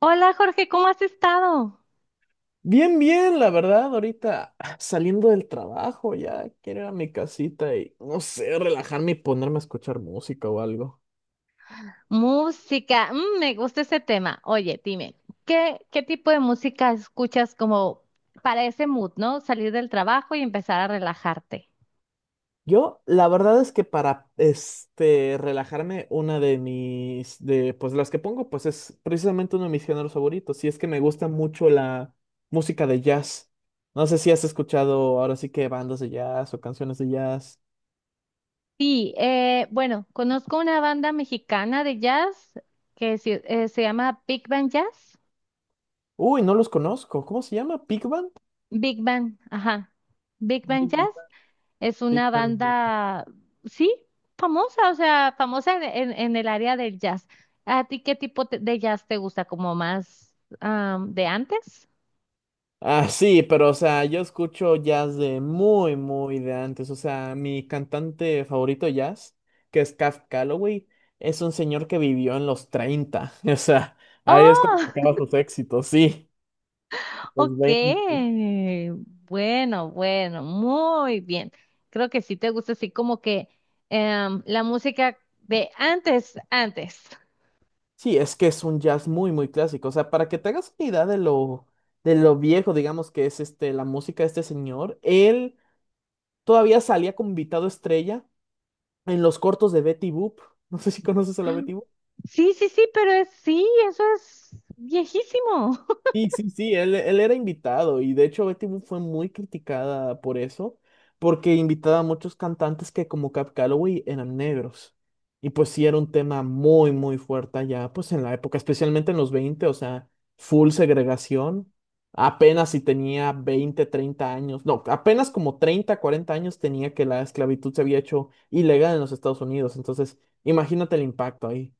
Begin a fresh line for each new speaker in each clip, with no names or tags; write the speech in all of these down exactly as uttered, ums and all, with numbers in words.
Hola Jorge, ¿cómo has estado?
Bien, bien, la verdad, ahorita ah, saliendo del trabajo, ya quiero ir a mi casita y, no sé, relajarme y ponerme a escuchar música o algo.
Música, mm, me gusta ese tema. Oye, dime, ¿qué, qué tipo de música escuchas como para ese mood, ¿no? Salir del trabajo y empezar a relajarte.
Yo, la verdad es que para, este, relajarme, una de mis, de, pues las que pongo, pues es precisamente uno de mis géneros favoritos, y es que me gusta mucho la música de jazz. No sé si has escuchado ahora sí que bandas de jazz o canciones de jazz.
Sí, eh, bueno, conozco una banda mexicana de jazz que se, eh, se llama Big Band Jazz.
Uy, no los conozco. ¿Cómo se llama? ¿Pig Band?
Big Band, ajá. Big Band
Big
Jazz.
Band.
Es
Big
una
Band.
banda, sí, famosa, o sea, famosa en, en- en el área del jazz. ¿A ti qué tipo te- de jazz te gusta? ¿Como más am, de antes?
Ah, sí, pero o sea, yo escucho jazz de muy, muy de antes. O sea, mi cantante favorito de jazz, que es Caf Calloway, es un señor que vivió en los treinta, o sea, ahí es cuando
Oh,
sacaba sus éxitos, sí, los
ok.
veinte.
Bueno, bueno, muy bien. Creo que sí te gusta así como que em, la música de antes, antes.
Sí, es que es un jazz muy, muy clásico. O sea, para que te hagas una idea de lo, de lo viejo, digamos, que es este, la música de este señor, él todavía salía como invitado estrella en los cortos de Betty Boop. No sé si conoces a la Betty.
Sí, sí, sí, pero es, sí, eso es viejísimo.
Sí, sí, sí, él, él era invitado y de hecho Betty Boop fue muy criticada por eso, porque invitaba a muchos cantantes que como Cap Calloway eran negros. Y pues sí era un tema muy, muy fuerte allá, pues en la época, especialmente en los veinte, o sea, full segregación. Apenas si tenía veinte treinta años, no, apenas como treinta cuarenta años tenía que la esclavitud se había hecho ilegal en los Estados Unidos. Entonces, imagínate el impacto ahí.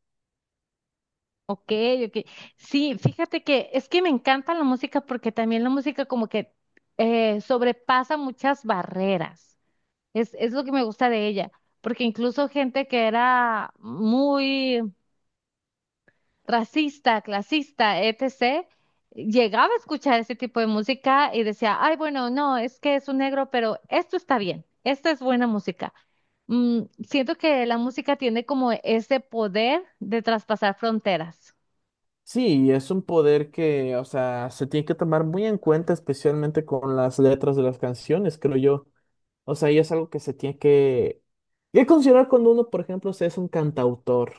Ok, ok. Sí, fíjate que es que me encanta la música porque también la música como que eh, sobrepasa muchas barreras. Es, es lo que me gusta de ella, porque incluso gente que era muy racista, clasista, etcétera, llegaba a escuchar ese tipo de música y decía, ay, bueno, no, es que es un negro, pero esto está bien, esta es buena música. Mm, siento que la música tiene como ese poder de traspasar fronteras.
Sí, es un poder que, o sea, se tiene que tomar muy en cuenta, especialmente con las letras de las canciones, creo yo. O sea, y es algo que se tiene que, que considerar cuando uno, por ejemplo, se es un cantautor.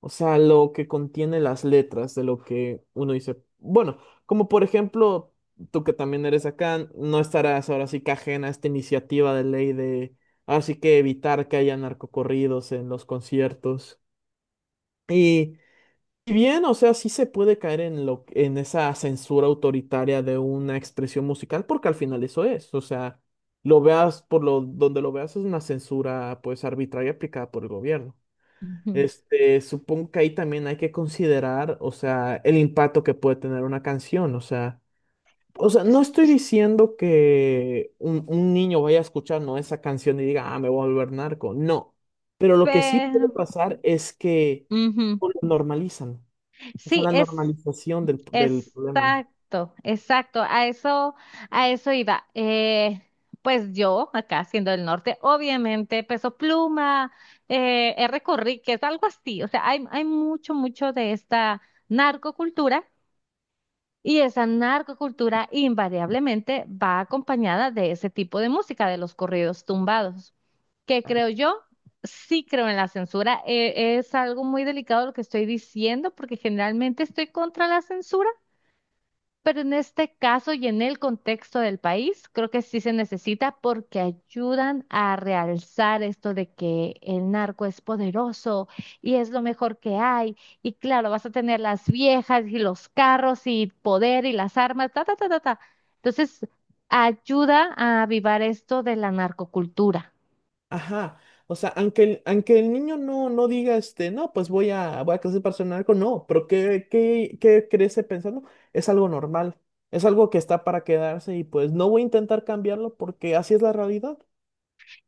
O sea, lo que contiene las letras de lo que uno dice. Bueno, como por ejemplo, tú que también eres acá, no estarás ahora sí que ajena a esta iniciativa de ley de, ahora sí que evitar que haya narcocorridos en los conciertos. Si bien, o sea, sí se puede caer en lo, en esa censura autoritaria de una expresión musical, porque al final eso es, o sea, lo veas por lo donde lo veas es una censura pues arbitraria aplicada por el gobierno.
Ujú.
Este, supongo que ahí también hay que considerar, o sea, el impacto que puede tener una canción, o sea, o sea, no estoy diciendo que un, un niño vaya a escuchar, ¿no? esa canción y diga, ah, me voy a volver narco, no, pero lo que sí puede
Pero,
pasar es que
ujú.
no lo normalizan. O sea,
Sí,
la
es
normalización del, del problema.
exacto, exacto. A eso, a eso iba. Eh, pues yo, acá siendo del norte, obviamente Peso Pluma, eh, R. Conríquez, algo así. O sea, hay, hay mucho, mucho de esta narcocultura y esa narcocultura invariablemente va acompañada de ese tipo de música, de los corridos tumbados, que creo yo, sí creo en la censura. Eh, es algo muy delicado lo que estoy diciendo, porque generalmente estoy contra la censura. Pero en este caso y en el contexto del país, creo que sí se necesita porque ayudan a realzar esto de que el narco es poderoso y es lo mejor que hay. Y claro, vas a tener las viejas y los carros y poder y las armas, ta, ta, ta, ta, ta. Entonces, ayuda a avivar esto de la narcocultura.
Ajá, o sea, aunque el, aunque el niño no, no diga, este, no, pues voy a, voy a crecer para ser narco, no, pero ¿qué, qué, qué crece pensando? Es algo normal, es algo que está para quedarse y pues no voy a intentar cambiarlo porque así es la realidad.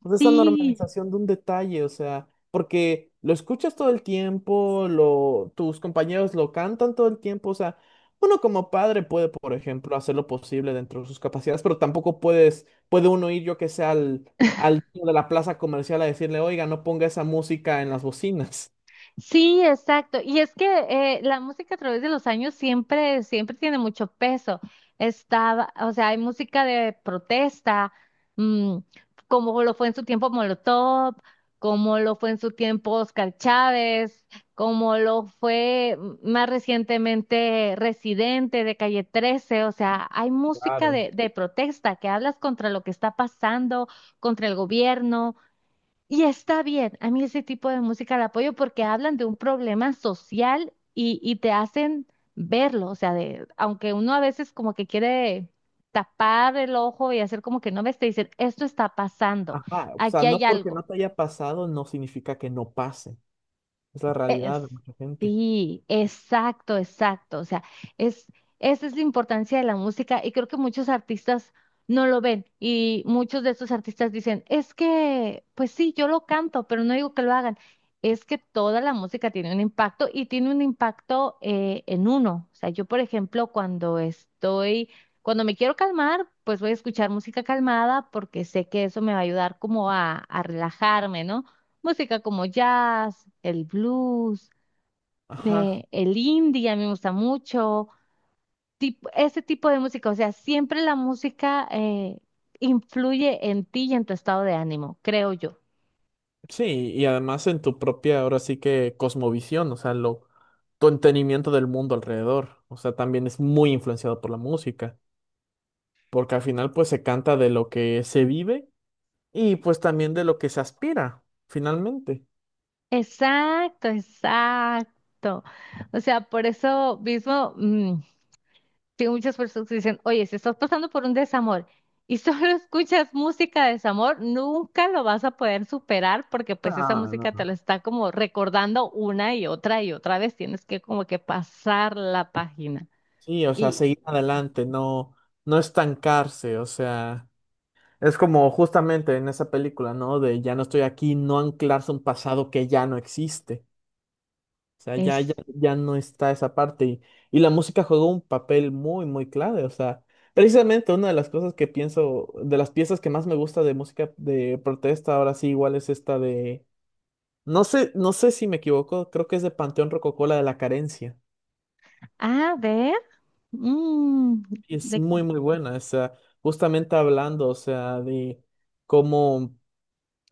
Pues esa
Sí.
normalización de un detalle, o sea, porque lo escuchas todo el tiempo, lo, tus compañeros lo cantan todo el tiempo, o sea, uno como padre puede, por ejemplo, hacer lo posible dentro de sus capacidades, pero tampoco puedes, puede uno ir, yo que sé, al, al dueño de la plaza comercial a decirle, oiga, no ponga esa música en las bocinas.
Sí, exacto. Y es que eh, la música a través de los años siempre, siempre tiene mucho peso. Estaba, o sea, hay música de protesta, mm, como lo fue en su tiempo Molotov, como lo fue en su tiempo Oscar Chávez, como lo fue mm, más recientemente Residente de Calle trece. O sea, hay música
Claro.
de, de protesta que hablas contra lo que está pasando, contra el gobierno y está bien, a mí ese tipo de música la apoyo porque hablan de un problema social y, y te hacen verlo, o sea, de, aunque uno a veces como que quiere tapar el ojo y hacer como que no ves, te dicen, esto está pasando,
Ajá, o sea,
aquí hay
no porque no
algo.
te haya pasado no significa que no pase. Es la
Es-
realidad de mucha gente.
sí, exacto, exacto. O sea, es, esa es la importancia de la música y creo que muchos artistas no lo ven y muchos de estos artistas dicen, es que, pues sí, yo lo canto, pero no digo que lo hagan. Es que toda la música tiene un impacto y tiene un impacto eh, en uno. O sea, yo, por ejemplo, cuando estoy, cuando me quiero calmar, pues voy a escuchar música calmada porque sé que eso me va a ayudar como a, a relajarme, ¿no? Música como jazz, el blues,
Ajá.
eh, el indie, a mí me gusta mucho, tip- ese tipo de música. O sea, siempre la música eh, influye en ti y en tu estado de ánimo, creo yo.
Sí, y además en tu propia, ahora sí que cosmovisión, o sea, lo, tu entendimiento del mundo alrededor, o sea, también es muy influenciado por la música, porque al final pues se canta de lo que se vive y pues también de lo que se aspira, finalmente.
Exacto, exacto. O sea, por eso mismo, mm, que muchas personas dicen, oye, si estás pasando por un desamor y solo escuchas música de desamor, nunca lo vas a poder superar porque pues esa
Ah, no,
música te lo
no.
está como recordando una y otra y otra vez. Tienes que como que pasar la página.
Sí, o sea,
Y
seguir adelante, no, no estancarse, o sea, es como justamente en esa película, ¿no? De ya no estoy aquí, no anclarse a un pasado que ya no existe. O sea, ya, ya,
es,
ya no está esa parte. Y, y la música juega un papel muy, muy clave. O sea, precisamente una de las cosas que pienso, de las piezas que más me gusta de música de protesta, ahora sí, igual es esta de. No sé, no sé si me equivoco, creo que es de Panteón Rococó, la de la carencia.
a ver, mm,
Y es
de,
muy, muy buena. O sea, justamente hablando, o sea, de cómo.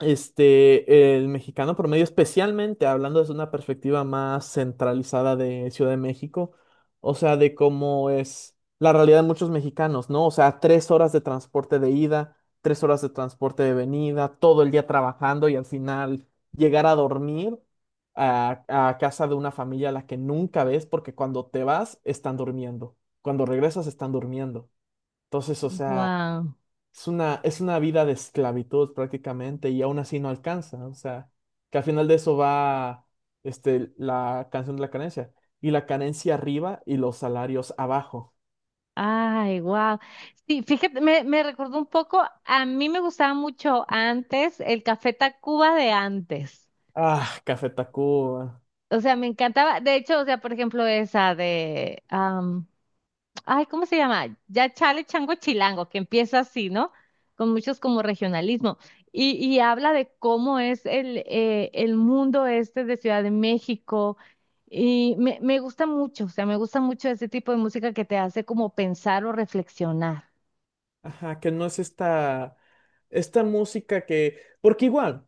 Este, el mexicano promedio, especialmente hablando desde una perspectiva más centralizada de Ciudad de México, o sea, de cómo es la realidad de muchos mexicanos, ¿no? O sea, tres horas de transporte de ida, tres horas de transporte de venida, todo el día trabajando y al final llegar a dormir a, a casa de una familia a la que nunca ves porque cuando te vas están durmiendo, cuando regresas están durmiendo. Entonces, o sea...
wow.
Es una, es una vida de esclavitud prácticamente y aún así no alcanza. O sea, que al final de eso va este, la canción de la carencia. Y la carencia arriba y los salarios abajo.
Ay, wow. Sí, fíjate, me, me recordó un poco, a mí me gustaba mucho antes el Café Tacuba de antes.
Ah, Café Tacuba.
O sea, me encantaba. De hecho, o sea, por ejemplo, esa de, am, ay, ¿cómo se llama? Ya Chale Chango Chilango, que empieza así, ¿no? Con muchos como regionalismo. Y, y habla de cómo es el, eh, el mundo este de Ciudad de México. Y me, me gusta mucho, o sea, me gusta mucho ese tipo de música que te hace como pensar o reflexionar.
Ajá, que no es esta, esta, música que... Porque igual...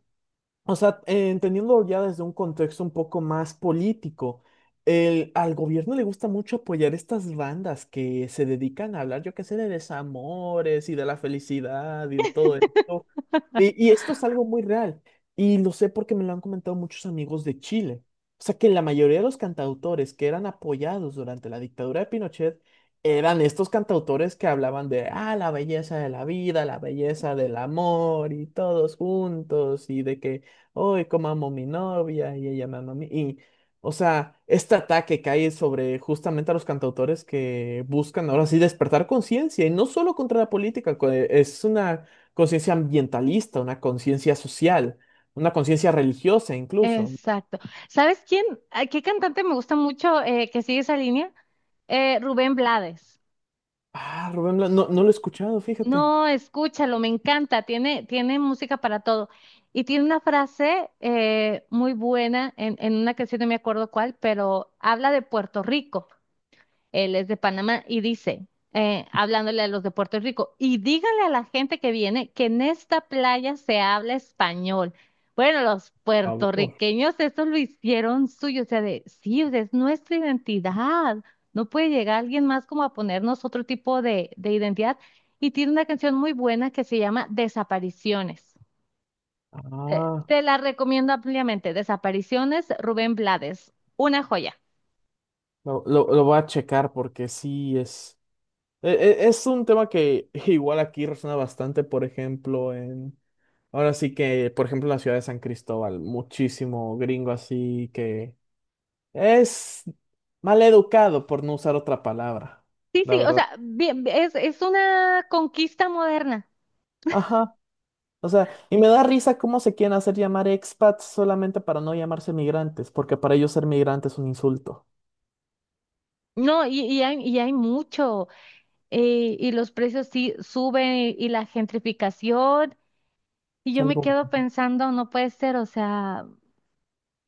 O sea, eh, entendiendo ya desde un contexto un poco más político, el, al gobierno le gusta mucho apoyar estas bandas que se dedican a hablar, yo qué sé, de desamores y de la felicidad y de todo esto. Y, y esto es algo muy real. Y lo sé porque me lo han comentado muchos amigos de Chile. O sea que la mayoría de los cantautores que eran apoyados durante la dictadura de Pinochet eran estos cantautores que hablaban de, ah, la belleza de la vida, la belleza del amor y todos juntos y de que, hoy como amo a mi novia y ella me ama a mí. Y, o sea, este ataque cae sobre justamente a los cantautores que buscan ahora sí despertar conciencia y no solo contra la política, co- eh, es una conciencia ambientalista, una conciencia social, una conciencia religiosa incluso.
Exacto. ¿Sabes quién? ¿A ¿Qué cantante me gusta mucho eh, que sigue esa línea? Eh, Rubén Blades.
Ah, Rubén Blas, no, no lo he escuchado, fíjate.
No, escúchalo, me encanta, tiene, tiene música para todo. Y tiene una frase eh, muy buena en, en una canción, no me acuerdo cuál, pero habla de Puerto Rico. Él es de Panamá y dice, eh, hablándole a los de Puerto Rico, y díganle a la gente que viene que en esta playa se habla español. Bueno, los
Por favor.
puertorriqueños eso lo hicieron suyo, o sea, de, sí, o sea, es nuestra identidad. No puede llegar alguien más como a ponernos otro tipo de, de identidad. Y tiene una canción muy buena que se llama Desapariciones. Te,
Ah,
te la recomiendo ampliamente. Desapariciones, Rubén Blades. Una joya.
lo, lo- lo voy a checar porque sí es, e- e- es un tema que igual aquí resuena bastante, por ejemplo, en, ahora sí que, por ejemplo, en la ciudad de San Cristóbal, muchísimo gringo así que es mal educado por no usar otra palabra,
Sí,
la
sí, o
verdad.
sea, bien, es, es una conquista moderna.
Ajá. O sea, y me da risa cómo se quieren hacer llamar expats solamente para no llamarse migrantes, porque para ellos ser migrante es un insulto.
No, y, y hay, y hay mucho, eh, y los precios sí suben y, y la gentrificación, y
Es
yo me
algo
quedo pensando, no puede ser, o sea,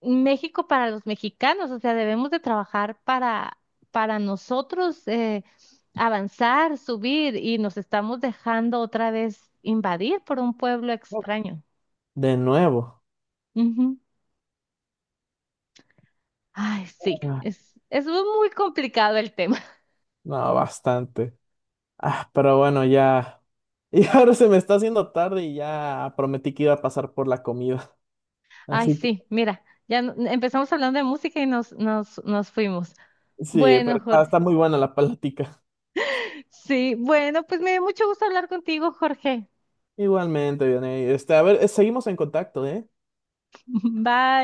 México para los mexicanos, o sea, debemos de trabajar para, para nosotros eh, avanzar, subir, y nos estamos dejando otra vez invadir por un pueblo extraño.
de nuevo.
Ujú. Ay, sí,
Ah,
es, es muy complicado el tema.
no, bastante. Ah, pero bueno, ya. Y ahora se me está haciendo tarde y ya prometí que iba a pasar por la comida.
Ay,
Así que
sí, mira, ya no- empezamos hablando de música y nos, nos, nos fuimos.
sí, pero
Bueno,
está, está
Jorge.
muy buena la plática.
Sí, bueno, pues me dio mucho gusto hablar contigo, Jorge.
Igualmente, Vianey. Este, a ver, eh, seguimos en contacto, ¿eh?
Bye.